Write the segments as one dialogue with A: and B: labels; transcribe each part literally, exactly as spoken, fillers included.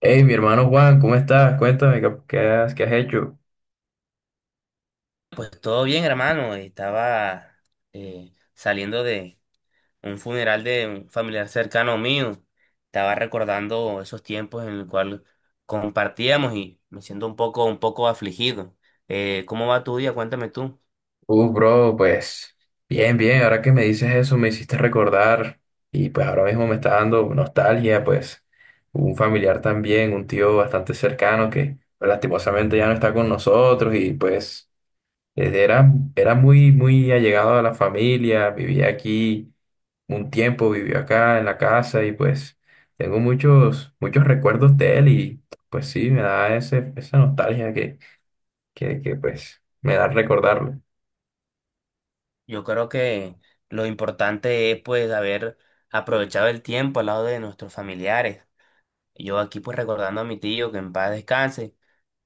A: Hey, mi hermano Juan, ¿cómo estás? Cuéntame, ¿qué, qué has, qué has hecho?
B: Pues todo bien, hermano. Estaba eh, saliendo de un funeral de un familiar cercano mío. Estaba recordando esos tiempos en los cuales compartíamos y me siento un poco, un poco afligido. Eh, ¿cómo va tu día? Cuéntame tú.
A: Uh, bro, pues bien, bien, ahora que me dices eso me hiciste recordar y pues ahora mismo me está dando nostalgia, pues un familiar también, un tío bastante cercano que pues, lastimosamente ya no está con nosotros y pues eh, era, era muy, muy allegado a la familia, vivía aquí un tiempo, vivió acá en la casa y pues tengo muchos, muchos recuerdos de él y pues sí, me da ese, esa nostalgia que, que pues me da recordarlo.
B: Yo creo que lo importante es pues haber aprovechado el tiempo al lado de nuestros familiares. Yo aquí pues recordando a mi tío que en paz descanse,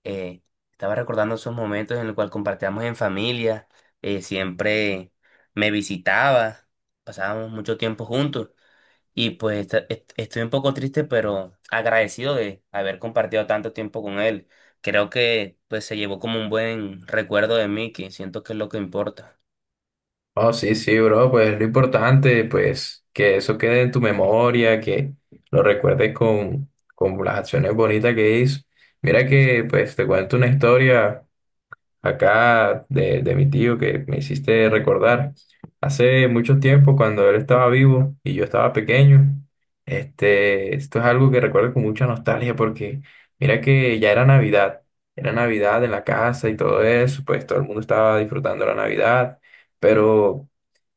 B: eh, estaba recordando esos momentos en los cuales compartíamos en familia, eh, siempre me visitaba, pasábamos mucho tiempo juntos y pues esta- est- estoy un poco triste, pero agradecido de haber compartido tanto tiempo con él. Creo que pues se llevó como un buen recuerdo de mí, que siento que es lo que importa.
A: Oh, sí, sí, bro, pues lo importante, pues que eso quede en tu memoria, que lo recuerdes con, con las acciones bonitas que hizo. Mira que, pues te cuento una historia acá de, de mi tío que me hiciste recordar. Hace mucho tiempo, cuando él estaba vivo y yo estaba pequeño, este, esto es algo que recuerdo con mucha nostalgia porque mira que ya era Navidad, era Navidad en la casa y todo eso, pues todo el mundo estaba disfrutando la Navidad, pero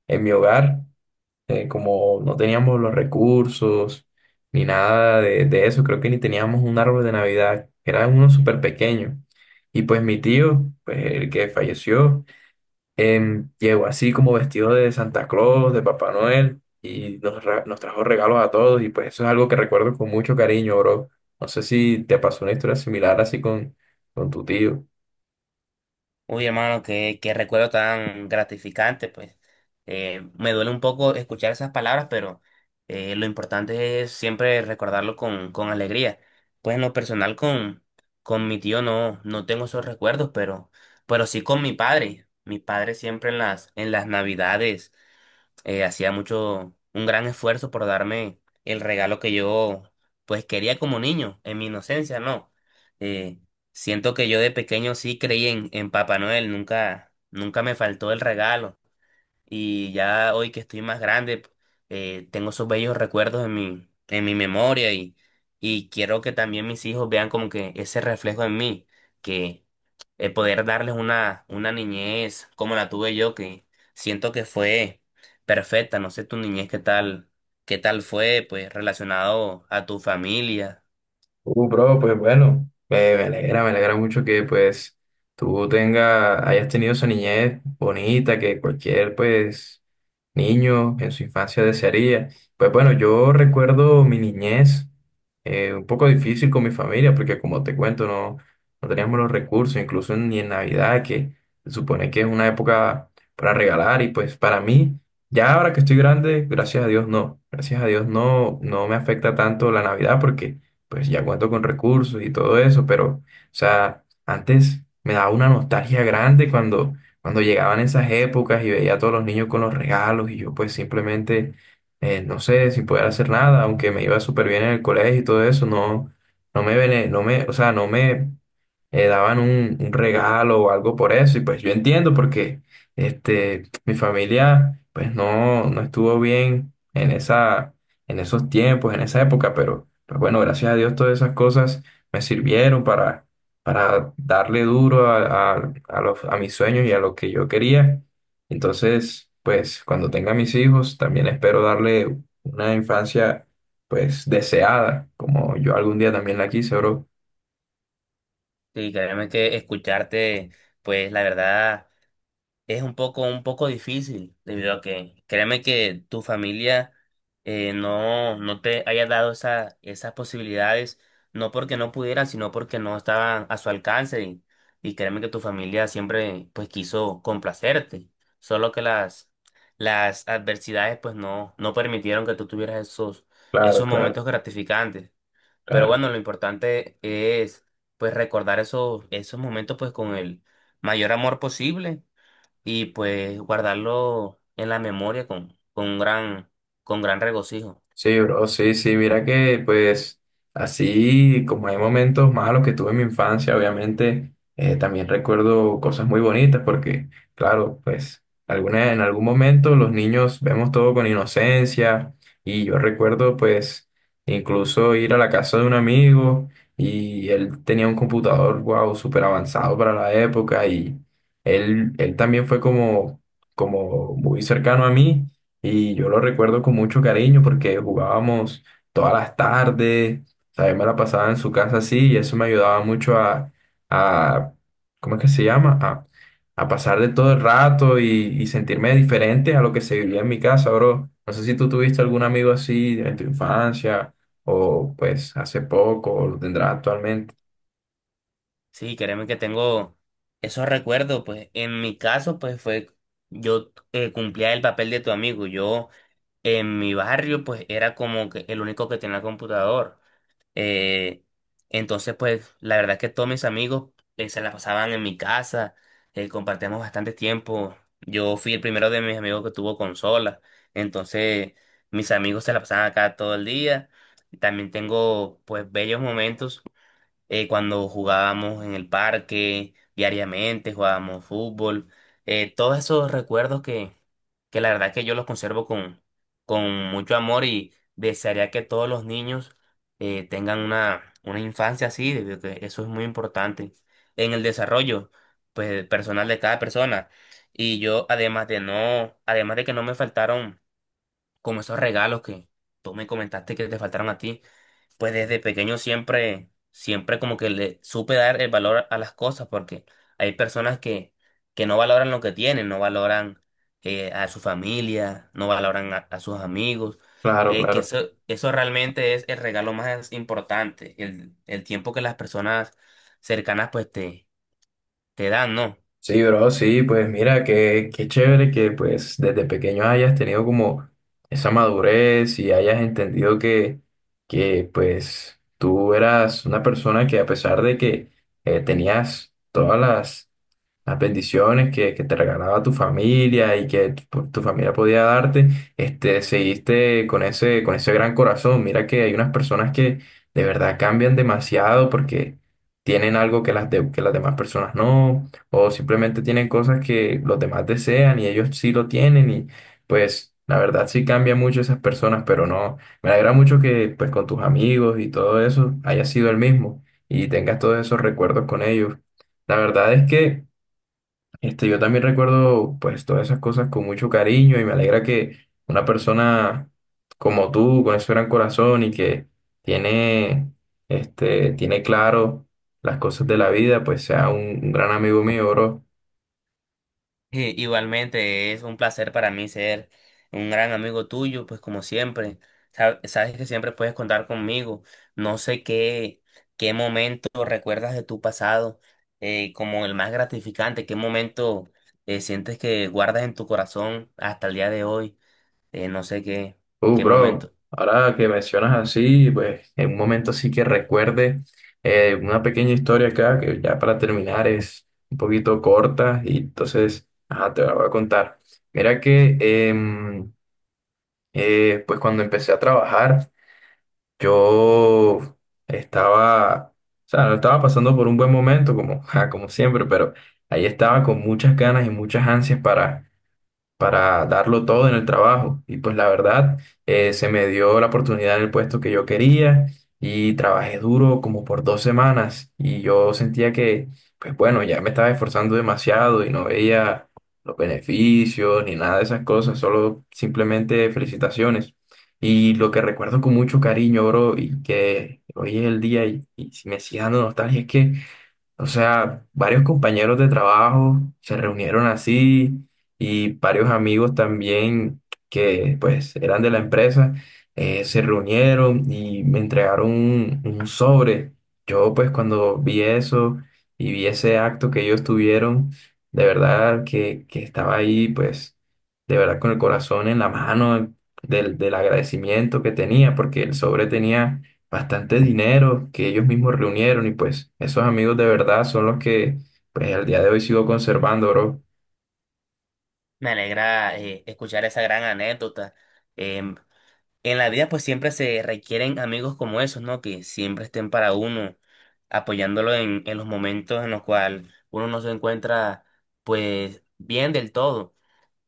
A: en mi hogar eh, como no teníamos los recursos ni nada de, de eso, creo que ni teníamos un árbol de Navidad, era uno súper pequeño. Y pues mi tío, pues el que falleció, em, llegó así como vestido de Santa Claus, de Papá Noel, y nos, ra- nos trajo regalos a todos, y pues eso es algo que recuerdo con mucho cariño, bro. No sé si te pasó una historia similar así con, con tu tío.
B: Uy, hermano, qué, qué recuerdo tan gratificante, pues. Eh, me duele un poco escuchar esas palabras, pero eh, lo importante es siempre recordarlo con, con alegría. Pues en lo personal con, con mi tío no, no tengo esos recuerdos, pero, pero sí con mi padre. Mi padre siempre en las, en las navidades eh, hacía mucho, un gran esfuerzo por darme el regalo que yo pues quería como niño, en mi inocencia, no. Eh, Siento que yo de pequeño sí creí en, en Papá Noel, nunca, nunca me faltó el regalo. Y ya hoy que estoy más grande, eh, tengo esos bellos recuerdos en mi, en mi memoria y, y quiero que también mis hijos vean como que ese reflejo en mí, que eh, poder darles una, una niñez como la tuve yo, que siento que fue perfecta. No sé tu niñez qué tal, qué tal fue, pues relacionado a tu familia.
A: Uh, bro, pues bueno, me, me alegra, me alegra mucho que pues tú tenga, hayas tenido esa niñez bonita que cualquier pues niño en su infancia desearía. Pues bueno, yo recuerdo mi niñez eh, un poco difícil con mi familia porque como te cuento no, no teníamos los recursos, incluso ni en Navidad que se supone que es una época para regalar y pues para mí, ya ahora que estoy grande, gracias a Dios no, gracias a Dios no, no me afecta tanto la Navidad porque pues ya cuento con recursos y todo eso, pero, o sea, antes me daba una nostalgia grande cuando, cuando llegaban esas épocas y veía a todos los niños con los regalos y yo pues simplemente, eh, no sé, sin poder hacer nada, aunque me iba súper bien en el colegio y todo eso, no, no me, bene- no me, o sea, no me eh, daban un, un regalo o algo por eso. Y pues yo entiendo porque este, mi familia pues no, no estuvo bien en esa, en esos tiempos, en esa época, pero pues bueno, gracias a Dios todas esas cosas me sirvieron para, para darle duro a, a- a los, a mis sueños y a lo que yo quería. Entonces, pues cuando tenga mis hijos, también espero darle una infancia pues deseada, como yo algún día también la quise, bro.
B: Y créeme que escucharte, pues la verdad. Es un poco, un poco difícil, debido a que créeme que tu familia eh, no, no te haya dado esa, esas posibilidades, no porque no pudieran, sino porque no estaban a su alcance. Y, y créeme que tu familia siempre pues quiso complacerte, solo que las, las adversidades pues no, no permitieron que tú tuvieras esos,
A: Claro,
B: esos
A: claro,
B: momentos gratificantes. Pero
A: claro.
B: bueno, lo importante es pues recordar esos, esos momentos pues con el mayor amor posible y pues guardarlo en la memoria con, con un gran, con gran regocijo.
A: Sí, bro, sí, sí, mira que pues así como hay momentos malos que tuve en mi infancia, obviamente eh, también recuerdo cosas muy bonitas porque, claro, pues alguna, en algún momento los niños vemos todo con inocencia y yo recuerdo pues incluso ir a la casa de un amigo y él tenía un computador, wow, súper avanzado para la época y él, él también fue como, como muy cercano a mí. Y yo lo recuerdo con mucho cariño porque jugábamos todas las tardes, o sea, yo me la pasaba en su casa así y eso me ayudaba mucho a, a ¿cómo es que se llama? A, a pasar de todo el rato y, y sentirme diferente a lo que se vivía en mi casa, bro. No sé si tú tuviste algún amigo así en tu infancia o pues hace poco o lo tendrás actualmente.
B: Sí, créeme que tengo esos recuerdos, pues en mi caso, pues fue, yo eh, cumplía el papel de tu amigo, yo en mi barrio, pues era como que el único que tenía computador. Eh, entonces, pues, la verdad es que todos mis amigos eh, se la pasaban en mi casa, eh, compartíamos bastante tiempo. Yo fui el primero de mis amigos que tuvo consola, entonces mis amigos se la pasaban acá todo el día. También tengo, pues, bellos momentos eh, cuando jugábamos en el parque diariamente, jugábamos fútbol, eh, todos esos recuerdos que, que la verdad que yo los conservo con, con mucho amor y desearía que todos los niños eh, tengan una, una infancia así, debido a que eso es muy importante en el desarrollo pues, personal de cada persona. Y yo, además de no, además de que no me faltaron como esos regalos que tú me comentaste que te faltaron a ti, pues desde pequeño siempre, siempre como que le supe dar el valor a las cosas, porque hay personas que, que no valoran lo que tienen, no valoran eh, a su familia, no valoran a, a sus amigos,
A: Claro,
B: eh, que
A: claro.
B: eso, eso realmente es el regalo más importante, el, el tiempo que las personas cercanas pues te, te dan, ¿no?
A: Sí, bro, sí, pues mira, qué, qué chévere que pues desde pequeño hayas tenido como esa madurez y hayas entendido que, que pues tú eras una persona que a pesar de que eh, tenías todas las las bendiciones que, que te regalaba tu familia y que tu, tu familia podía darte, este, seguiste con ese, con ese gran corazón. Mira que hay unas personas que de verdad cambian demasiado porque tienen algo que las, de- que las demás personas no, o simplemente tienen cosas que los demás desean y ellos sí lo tienen y pues... La verdad sí cambian mucho esas personas, pero no, me alegra mucho que pues con tus amigos y todo eso haya sido el mismo y tengas todos esos recuerdos con ellos. La verdad es que este, yo también recuerdo pues todas esas cosas con mucho cariño y me alegra que una persona como tú, con ese gran corazón y que tiene, este, tiene claro las cosas de la vida, pues sea un, un gran amigo mío, bro.
B: Eh, igualmente, es un placer para mí ser un gran amigo tuyo, pues como siempre, Sa- sabes que siempre puedes contar conmigo. No sé qué, qué momento recuerdas de tu pasado eh, como el más gratificante, qué momento eh, sientes que guardas en tu corazón hasta el día de hoy, eh, no sé qué,
A: Uh,
B: qué
A: bro,
B: momento.
A: ahora que mencionas así, pues en un momento sí que recuerde eh, una pequeña historia acá que ya para terminar es un poquito corta y entonces, ajá, te la voy a contar. Mira que... em, Eh, pues cuando empecé a trabajar, yo estaba, o sea, no estaba pasando por un buen momento, como, ja, como siempre, pero ahí estaba con muchas ganas y muchas ansias para para darlo todo en el trabajo. Y pues la verdad, eh, se me dio la oportunidad en el puesto que yo quería y trabajé duro como por dos semanas y yo sentía que, pues bueno, ya me estaba esforzando demasiado y no veía los beneficios ni nada de esas cosas, solo simplemente felicitaciones. Y lo que recuerdo con mucho cariño, bro, y que hoy es el día y, y me sigue dando nostalgia es que o sea, varios compañeros de trabajo se reunieron así y varios amigos también que pues eran de la empresa eh, se reunieron y me entregaron un, un sobre. Yo pues cuando vi eso y vi ese acto que ellos tuvieron, de verdad que, que estaba ahí pues de verdad con el corazón en la mano del, del agradecimiento que tenía porque el sobre tenía bastante dinero que ellos mismos reunieron y pues esos amigos de verdad son los que pues al día de hoy sigo conservando, bro.
B: Me alegra eh, escuchar esa gran anécdota. Eh, En la vida pues siempre se requieren amigos como esos, ¿no? Que siempre estén para uno, apoyándolo en, en los momentos en los cuales uno no se encuentra pues bien del todo.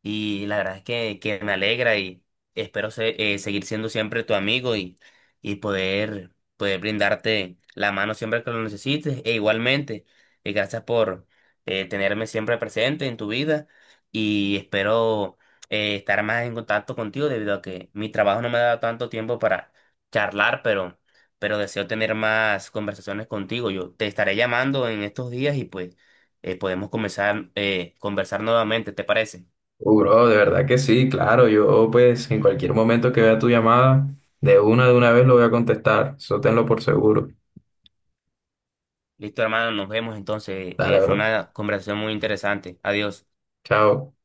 B: Y la verdad es que, que me alegra y espero ser- eh, seguir siendo siempre tu amigo y, y poder, poder brindarte la mano siempre que lo necesites. E igualmente, eh, gracias por eh, tenerme siempre presente en tu vida y espero eh, estar más en contacto contigo debido a que mi trabajo no me ha dado tanto tiempo para charlar, pero, pero deseo tener más conversaciones contigo. Yo te estaré llamando en estos días y pues eh, podemos comenzar eh, conversar nuevamente, ¿te parece?
A: Uh, bro, de verdad que sí, claro, yo pues en cualquier momento que vea tu llamada, de una de una vez lo voy a contestar, eso tenlo por seguro.
B: Listo, hermano, nos vemos entonces.
A: Dale,
B: Eh, fue
A: bro.
B: una conversación muy interesante. Adiós.
A: Chao.